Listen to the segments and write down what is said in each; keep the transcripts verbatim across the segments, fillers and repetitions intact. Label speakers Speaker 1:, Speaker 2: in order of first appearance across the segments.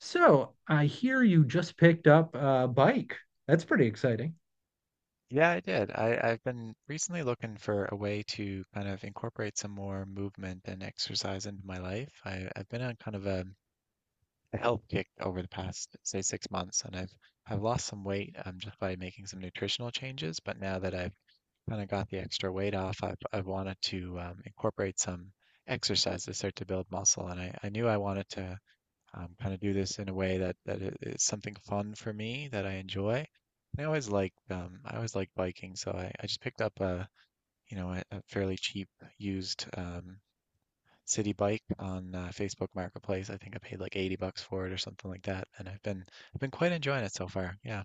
Speaker 1: So I hear you just picked up a bike. That's pretty exciting.
Speaker 2: Yeah, I did. I, I've been recently looking for a way to kind of incorporate some more movement and exercise into my life. I, I've been on kind of a, a health kick over the past, say, six months, and I've I've lost some weight um, just by making some nutritional changes. But now that I've kind of got the extra weight off, I've I've wanted to um, incorporate some exercise to start to build muscle, and I, I knew I wanted to um, kind of do this in a way that that i- something fun for me that I enjoy. And I always liked um, I always liked biking, so I, I just picked up a you know a, a fairly cheap used um, city bike on uh, Facebook Marketplace. I think I paid like eighty bucks for it or something like that, and I've been I've been quite enjoying it so far. Yeah,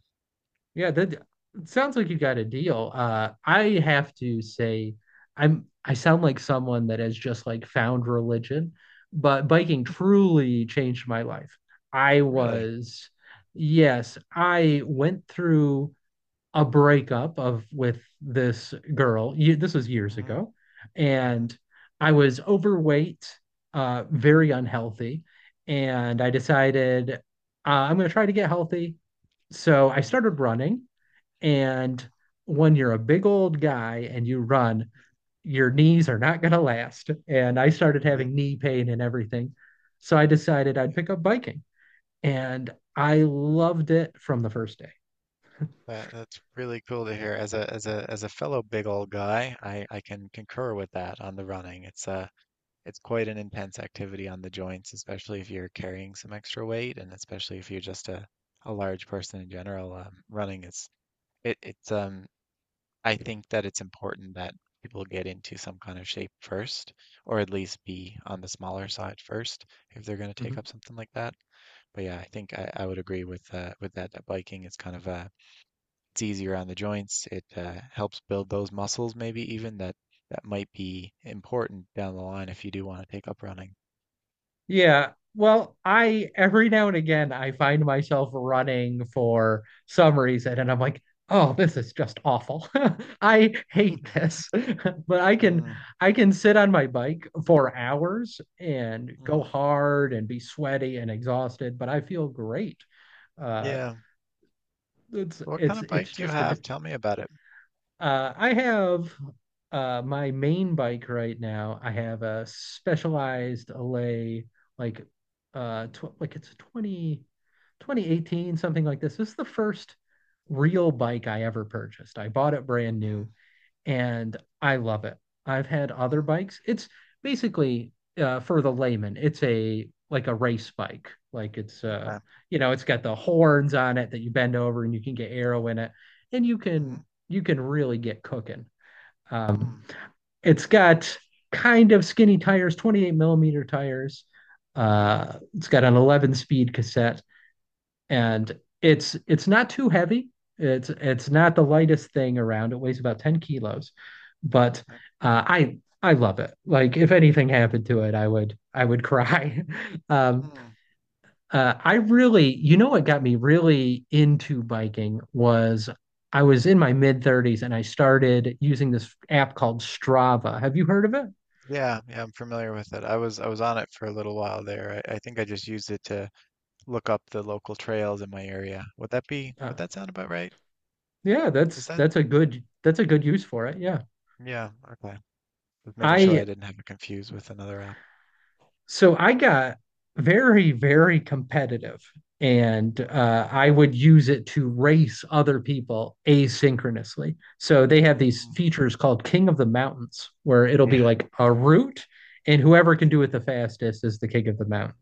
Speaker 1: Yeah, that it sounds like you got a deal. Uh, I have to say, I'm I sound like someone that has just like found religion, but biking truly changed my life. I
Speaker 2: really.
Speaker 1: was, yes, I went through a breakup of with this girl. This was years
Speaker 2: Hmm.
Speaker 1: ago,
Speaker 2: Hmm.
Speaker 1: and I was overweight, uh, very
Speaker 2: Hmm.
Speaker 1: unhealthy, and
Speaker 2: Hmm.
Speaker 1: I decided, uh, I'm going to try to get healthy. So I
Speaker 2: Hmm.
Speaker 1: started running, and when you're a big old guy and you run, your knees are not going to last. And I started
Speaker 2: Yep.
Speaker 1: having knee pain and everything. So I decided I'd
Speaker 2: Yep.
Speaker 1: pick up biking, and I loved it from the first day.
Speaker 2: That, that's really cool to hear. As a as a as a fellow big old guy, I I can concur with that on the running. It's uh it's quite an intense activity on the joints, especially if you're carrying some extra weight and especially if you're just a, a large person in general. Um, running is it, it's um I think that it's important that people get into some kind of shape first, or at least be on the smaller side first if they're going to take
Speaker 1: Mhm.
Speaker 2: up something like that. But yeah, I think I, I would agree with uh, with that, that biking is kind of uh it's easier on the joints. It uh, helps build those muscles maybe even that that might be important down the line if you do want to take up running.
Speaker 1: Yeah. Well, I every now and again I find myself running for some reason and I'm like, "Oh, this is just awful. I hate this." But I can
Speaker 2: Mm,
Speaker 1: I can sit on my bike for hours and go
Speaker 2: mm,
Speaker 1: hard and be sweaty and exhausted, but I feel great. Uh
Speaker 2: yeah.
Speaker 1: it's
Speaker 2: What kind
Speaker 1: it's
Speaker 2: of bike
Speaker 1: it's
Speaker 2: do you
Speaker 1: just a
Speaker 2: have?
Speaker 1: different.
Speaker 2: Tell me about it.
Speaker 1: uh, I have uh, my main bike right now. I have a Specialized Allay, like uh, tw like it's a twenty, twenty eighteen, something like this. This is the first real bike I ever purchased. I bought it brand new,
Speaker 2: Mm,
Speaker 1: and I love it. I've had other
Speaker 2: mm,
Speaker 1: bikes. It's basically, uh, for the layman, it's a like a race bike. Like it's, uh,
Speaker 2: okay.
Speaker 1: you know, it's got the horns on it that you bend over and you can get arrow in it, and you
Speaker 2: Mm-hmm.
Speaker 1: can you can really get cooking. Um,
Speaker 2: Mm,
Speaker 1: it's got kind of skinny tires, twenty-eight millimeter tires.
Speaker 2: mm-hmm.
Speaker 1: Uh, it's got an eleven speed cassette
Speaker 2: Mm,
Speaker 1: and it's it's not too heavy. It's it's not the lightest thing around. It weighs about ten kilos, but
Speaker 2: okay.
Speaker 1: uh, I I love it. Like if anything
Speaker 2: Mm,
Speaker 1: happened to it, I would I would cry. Um,
Speaker 2: mm.
Speaker 1: uh, I really, you know, what got me really into biking was I was in my mid thirties and I started using this app called Strava. Have you heard of it?
Speaker 2: Yeah, yeah, I'm familiar with it. I was I was on it for a little while there. I, I think I just used it to look up the local trails in my area. Would that be,
Speaker 1: Uh,
Speaker 2: would that sound about right?
Speaker 1: yeah,
Speaker 2: Is
Speaker 1: that's
Speaker 2: that?
Speaker 1: that's a good that's a good use for it. Yeah.
Speaker 2: Yeah, okay. Just making sure I
Speaker 1: I
Speaker 2: didn't have it confused with another app.
Speaker 1: So I got very, very competitive, and uh, I would use it to race other people asynchronously. So they have these
Speaker 2: Mm.
Speaker 1: features called King of the Mountains, where it'll be
Speaker 2: Yeah,
Speaker 1: like a route, and whoever can do it the fastest is the King of the Mountain.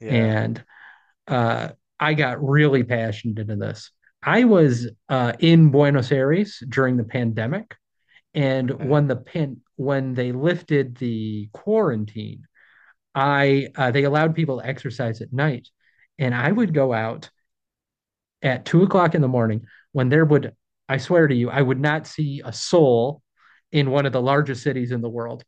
Speaker 2: yeah.
Speaker 1: And uh, I got really passionate into this. I was uh, in Buenos Aires during the
Speaker 2: Hmm.
Speaker 1: pandemic, and
Speaker 2: Okay.
Speaker 1: when the pan when they lifted the quarantine I uh, they allowed people to exercise at night, and I would
Speaker 2: Mm,
Speaker 1: go out at two o'clock in the morning when there would, I swear to you, I would not see a soul in one of the largest cities in the world,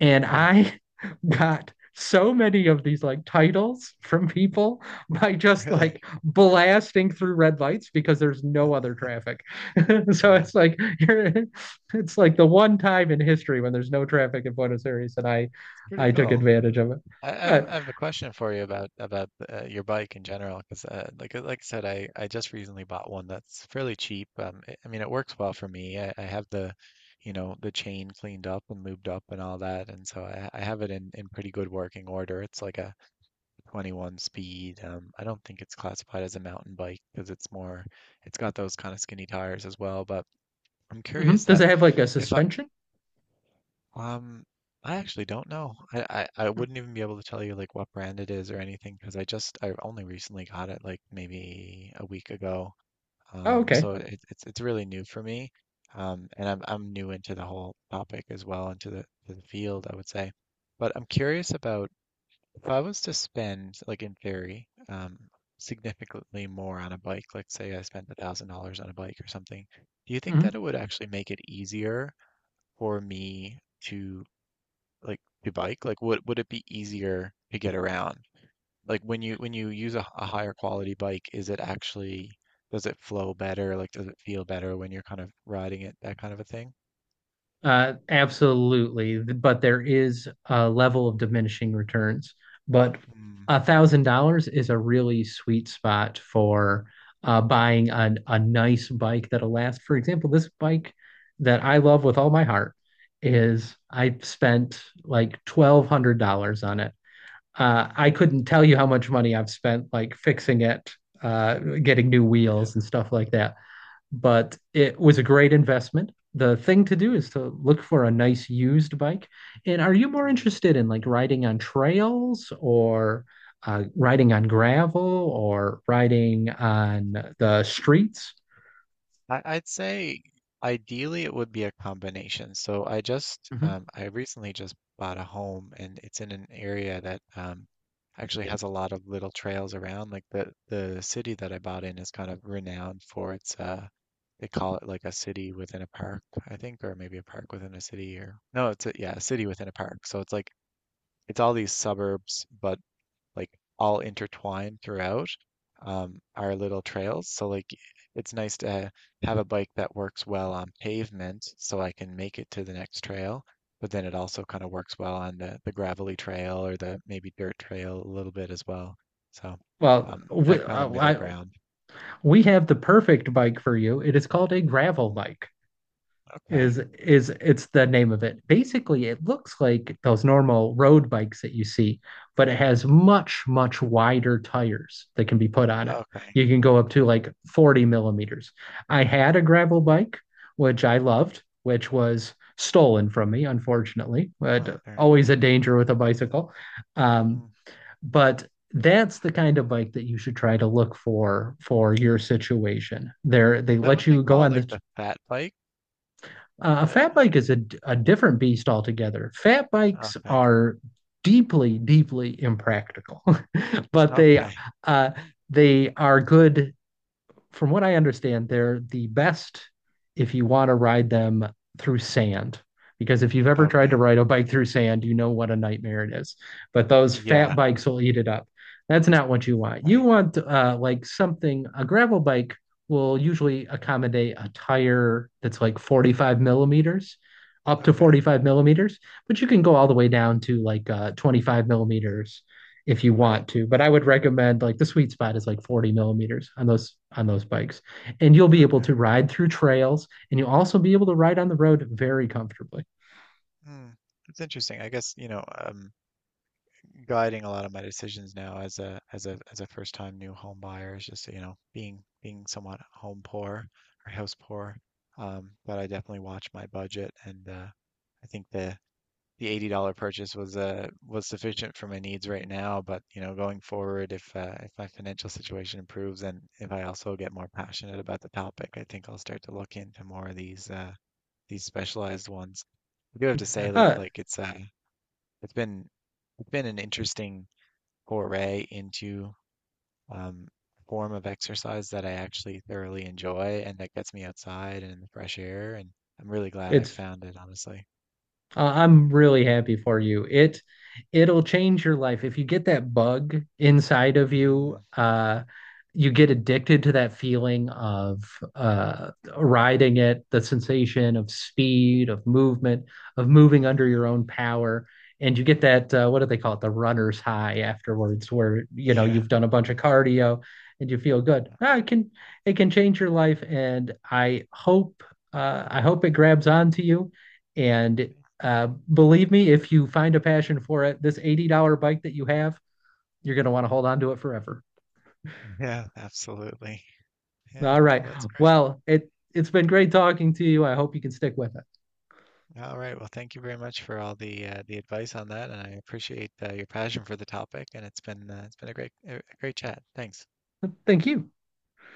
Speaker 1: and
Speaker 2: wow,
Speaker 1: I got so many of these like titles from people by just
Speaker 2: really?
Speaker 1: like blasting through red lights because there's no other traffic. So
Speaker 2: Yeah,
Speaker 1: it's like you're, it's like the one time in history when there's no traffic in Buenos Aires, and I
Speaker 2: it's pretty
Speaker 1: I took
Speaker 2: cool.
Speaker 1: advantage of it.
Speaker 2: I I have,
Speaker 1: But
Speaker 2: I have a question for you about about uh, your bike in general, because uh, like uh, like I said, I, I just recently bought one that's fairly cheap. Um, I I mean, it works well for me. I, I have the, you know, the chain cleaned up and lubed up and all that, and so I, I have it in in pretty good working order. It's like a twenty-one speed. Um, I don't think it's classified as a mountain bike because it's more, it's got those kind of skinny tires as well. But I'm
Speaker 1: hmm,
Speaker 2: curious
Speaker 1: does
Speaker 2: that
Speaker 1: it have like a
Speaker 2: if
Speaker 1: suspension?
Speaker 2: um, I actually don't know. I, I, I
Speaker 1: Hmm.
Speaker 2: wouldn't even be able to tell you like what brand it is or anything because I just I only recently got it like maybe a week ago.
Speaker 1: Oh,
Speaker 2: Um,
Speaker 1: okay.
Speaker 2: so it, it's it's really new for me. Um, and I'm I'm new into the whole topic as well into the to the field I would say. But I'm curious about if I was to spend like in theory um significantly more on a bike, like say I spent a thousand dollars on a bike or something. Do you think
Speaker 1: Hmm.
Speaker 2: that it would actually make it easier for me to like you bike? Like would would it be easier to get around? Like when you when you use a a higher quality bike, is it actually does it flow better? Like does it feel better when you're kind of riding it, that kind of a thing?
Speaker 1: Uh, absolutely. But there is a level of diminishing returns. But
Speaker 2: Mm,
Speaker 1: a thousand dollars is a really sweet spot for, uh, buying a, a nice bike that'll last. For example, this bike that I love with all my heart
Speaker 2: mhm,
Speaker 1: is I spent like twelve hundred dollars on it. Uh,
Speaker 2: mhm,
Speaker 1: I couldn't tell you how much money I've spent like fixing it, uh, getting new wheels and stuff like that, but it was a great investment. The thing to do
Speaker 2: mm,
Speaker 1: is to look for a nice used bike. And are you more
Speaker 2: mm.
Speaker 1: interested in like riding on trails or uh, riding on gravel or riding on the streets?
Speaker 2: I, I'd say ideally it would be a combination. So I just
Speaker 1: Mhm.
Speaker 2: um, I recently just bought a home and it's in an area that um, actually has a lot of little trails around. Like the the city that I bought in is kind of renowned for its uh they call it like a city within a park, I think, or maybe a park within a city or no, it's a yeah, a city within a park. So it's like it's all these suburbs, but like all intertwined throughout um, our little trails. So like it's nice to have a bike that works well on pavement so I can make it to the next trail, but then it also kind of works well on the, the gravelly trail or the maybe dirt trail a little bit as well. So
Speaker 1: Well,
Speaker 2: um,
Speaker 1: we,
Speaker 2: that kind of
Speaker 1: uh,
Speaker 2: middle
Speaker 1: I,
Speaker 2: ground.
Speaker 1: we have the perfect bike for you. It is called a gravel
Speaker 2: Mm,
Speaker 1: bike.
Speaker 2: okay.
Speaker 1: Is is it's the name of it. Basically, it looks like those normal road bikes that you see, but it has much, much wider tires that can be put on it.
Speaker 2: Okay.
Speaker 1: You can go up to like forty millimeters. I had a gravel bike, which I
Speaker 2: Mm,
Speaker 1: loved, which was stolen from me, unfortunately,
Speaker 2: oh,
Speaker 1: but
Speaker 2: darn.
Speaker 1: always a danger with a bicycle. Um,
Speaker 2: Mm.
Speaker 1: but that's the kind of bike that you should try to look for for your situation. There, they
Speaker 2: Is that
Speaker 1: let
Speaker 2: what they
Speaker 1: you go
Speaker 2: call
Speaker 1: on
Speaker 2: like
Speaker 1: the.
Speaker 2: the fat bike?
Speaker 1: Uh, a
Speaker 2: The,
Speaker 1: fat bike is a a different beast altogether. Fat bikes
Speaker 2: okay.
Speaker 1: are deeply, deeply impractical, but they,
Speaker 2: Okay.
Speaker 1: uh, they are good. From what I understand, they're the best if you want to ride them through sand. Because if you've ever tried to
Speaker 2: Okay.
Speaker 1: ride a bike through sand, you know what a nightmare it is. But those fat
Speaker 2: Yeah.
Speaker 1: bikes will eat it up. That's not what you want. You
Speaker 2: Okay.
Speaker 1: want, uh, like something, a gravel bike will usually accommodate a tire that's like forty-five millimeters, up to
Speaker 2: Okay.
Speaker 1: forty-five millimeters, but you can go all the way down to like uh, twenty-five millimeters if you
Speaker 2: Right.
Speaker 1: want to. But I would recommend like the sweet spot is like forty millimeters on those on those bikes. And you'll be able
Speaker 2: Okay.
Speaker 1: to ride through trails and you'll also be able to ride on the road very comfortably.
Speaker 2: Hmm. That's interesting. I guess, you know, um, guiding a lot of my decisions now as a as a as a first time new home buyer is just, you know, being being somewhat home poor or house poor. Um, but I definitely watch my budget and uh, I think the the eighty dollars purchase was uh was sufficient for my needs right now, but you know, going forward if uh, if my financial situation improves and if I also get more passionate about the topic, I think I'll start to look into more of these uh these specialized ones. I do have to say that
Speaker 1: Uh,
Speaker 2: like it's uh it's been it's been an interesting foray into um a form of exercise that I actually thoroughly enjoy and that gets me outside and in the fresh air and I'm really glad I
Speaker 1: it's
Speaker 2: found it, honestly.
Speaker 1: Uh, I'm really happy for you. It it'll change your life. If you get that bug inside of
Speaker 2: Hmm.
Speaker 1: you, uh, you get addicted to that feeling of, uh, riding it, the sensation of speed, of movement, of moving under your
Speaker 2: Hmm.
Speaker 1: own power. And you get that, uh, what do they call it? The runner's high afterwards, where you know
Speaker 2: Yeah.
Speaker 1: you've done a bunch of cardio and you feel good.
Speaker 2: Yeah.
Speaker 1: Ah, it can it can change your life, and I hope uh, I hope it grabs onto you and, uh, believe me, if you find a passion for it, this eighty dollars bike that you have, you're going to want to hold on to it forever.
Speaker 2: Yeah, absolutely. Yeah,
Speaker 1: All right.
Speaker 2: well, that's great.
Speaker 1: Well, it it's been great talking to you. I hope you can stick with
Speaker 2: All right. Well, thank you very much for all the uh, the advice on that, and I appreciate uh, your passion for the topic. And it's been uh, it's been a great a a great chat. Thanks.
Speaker 1: it. Thank you.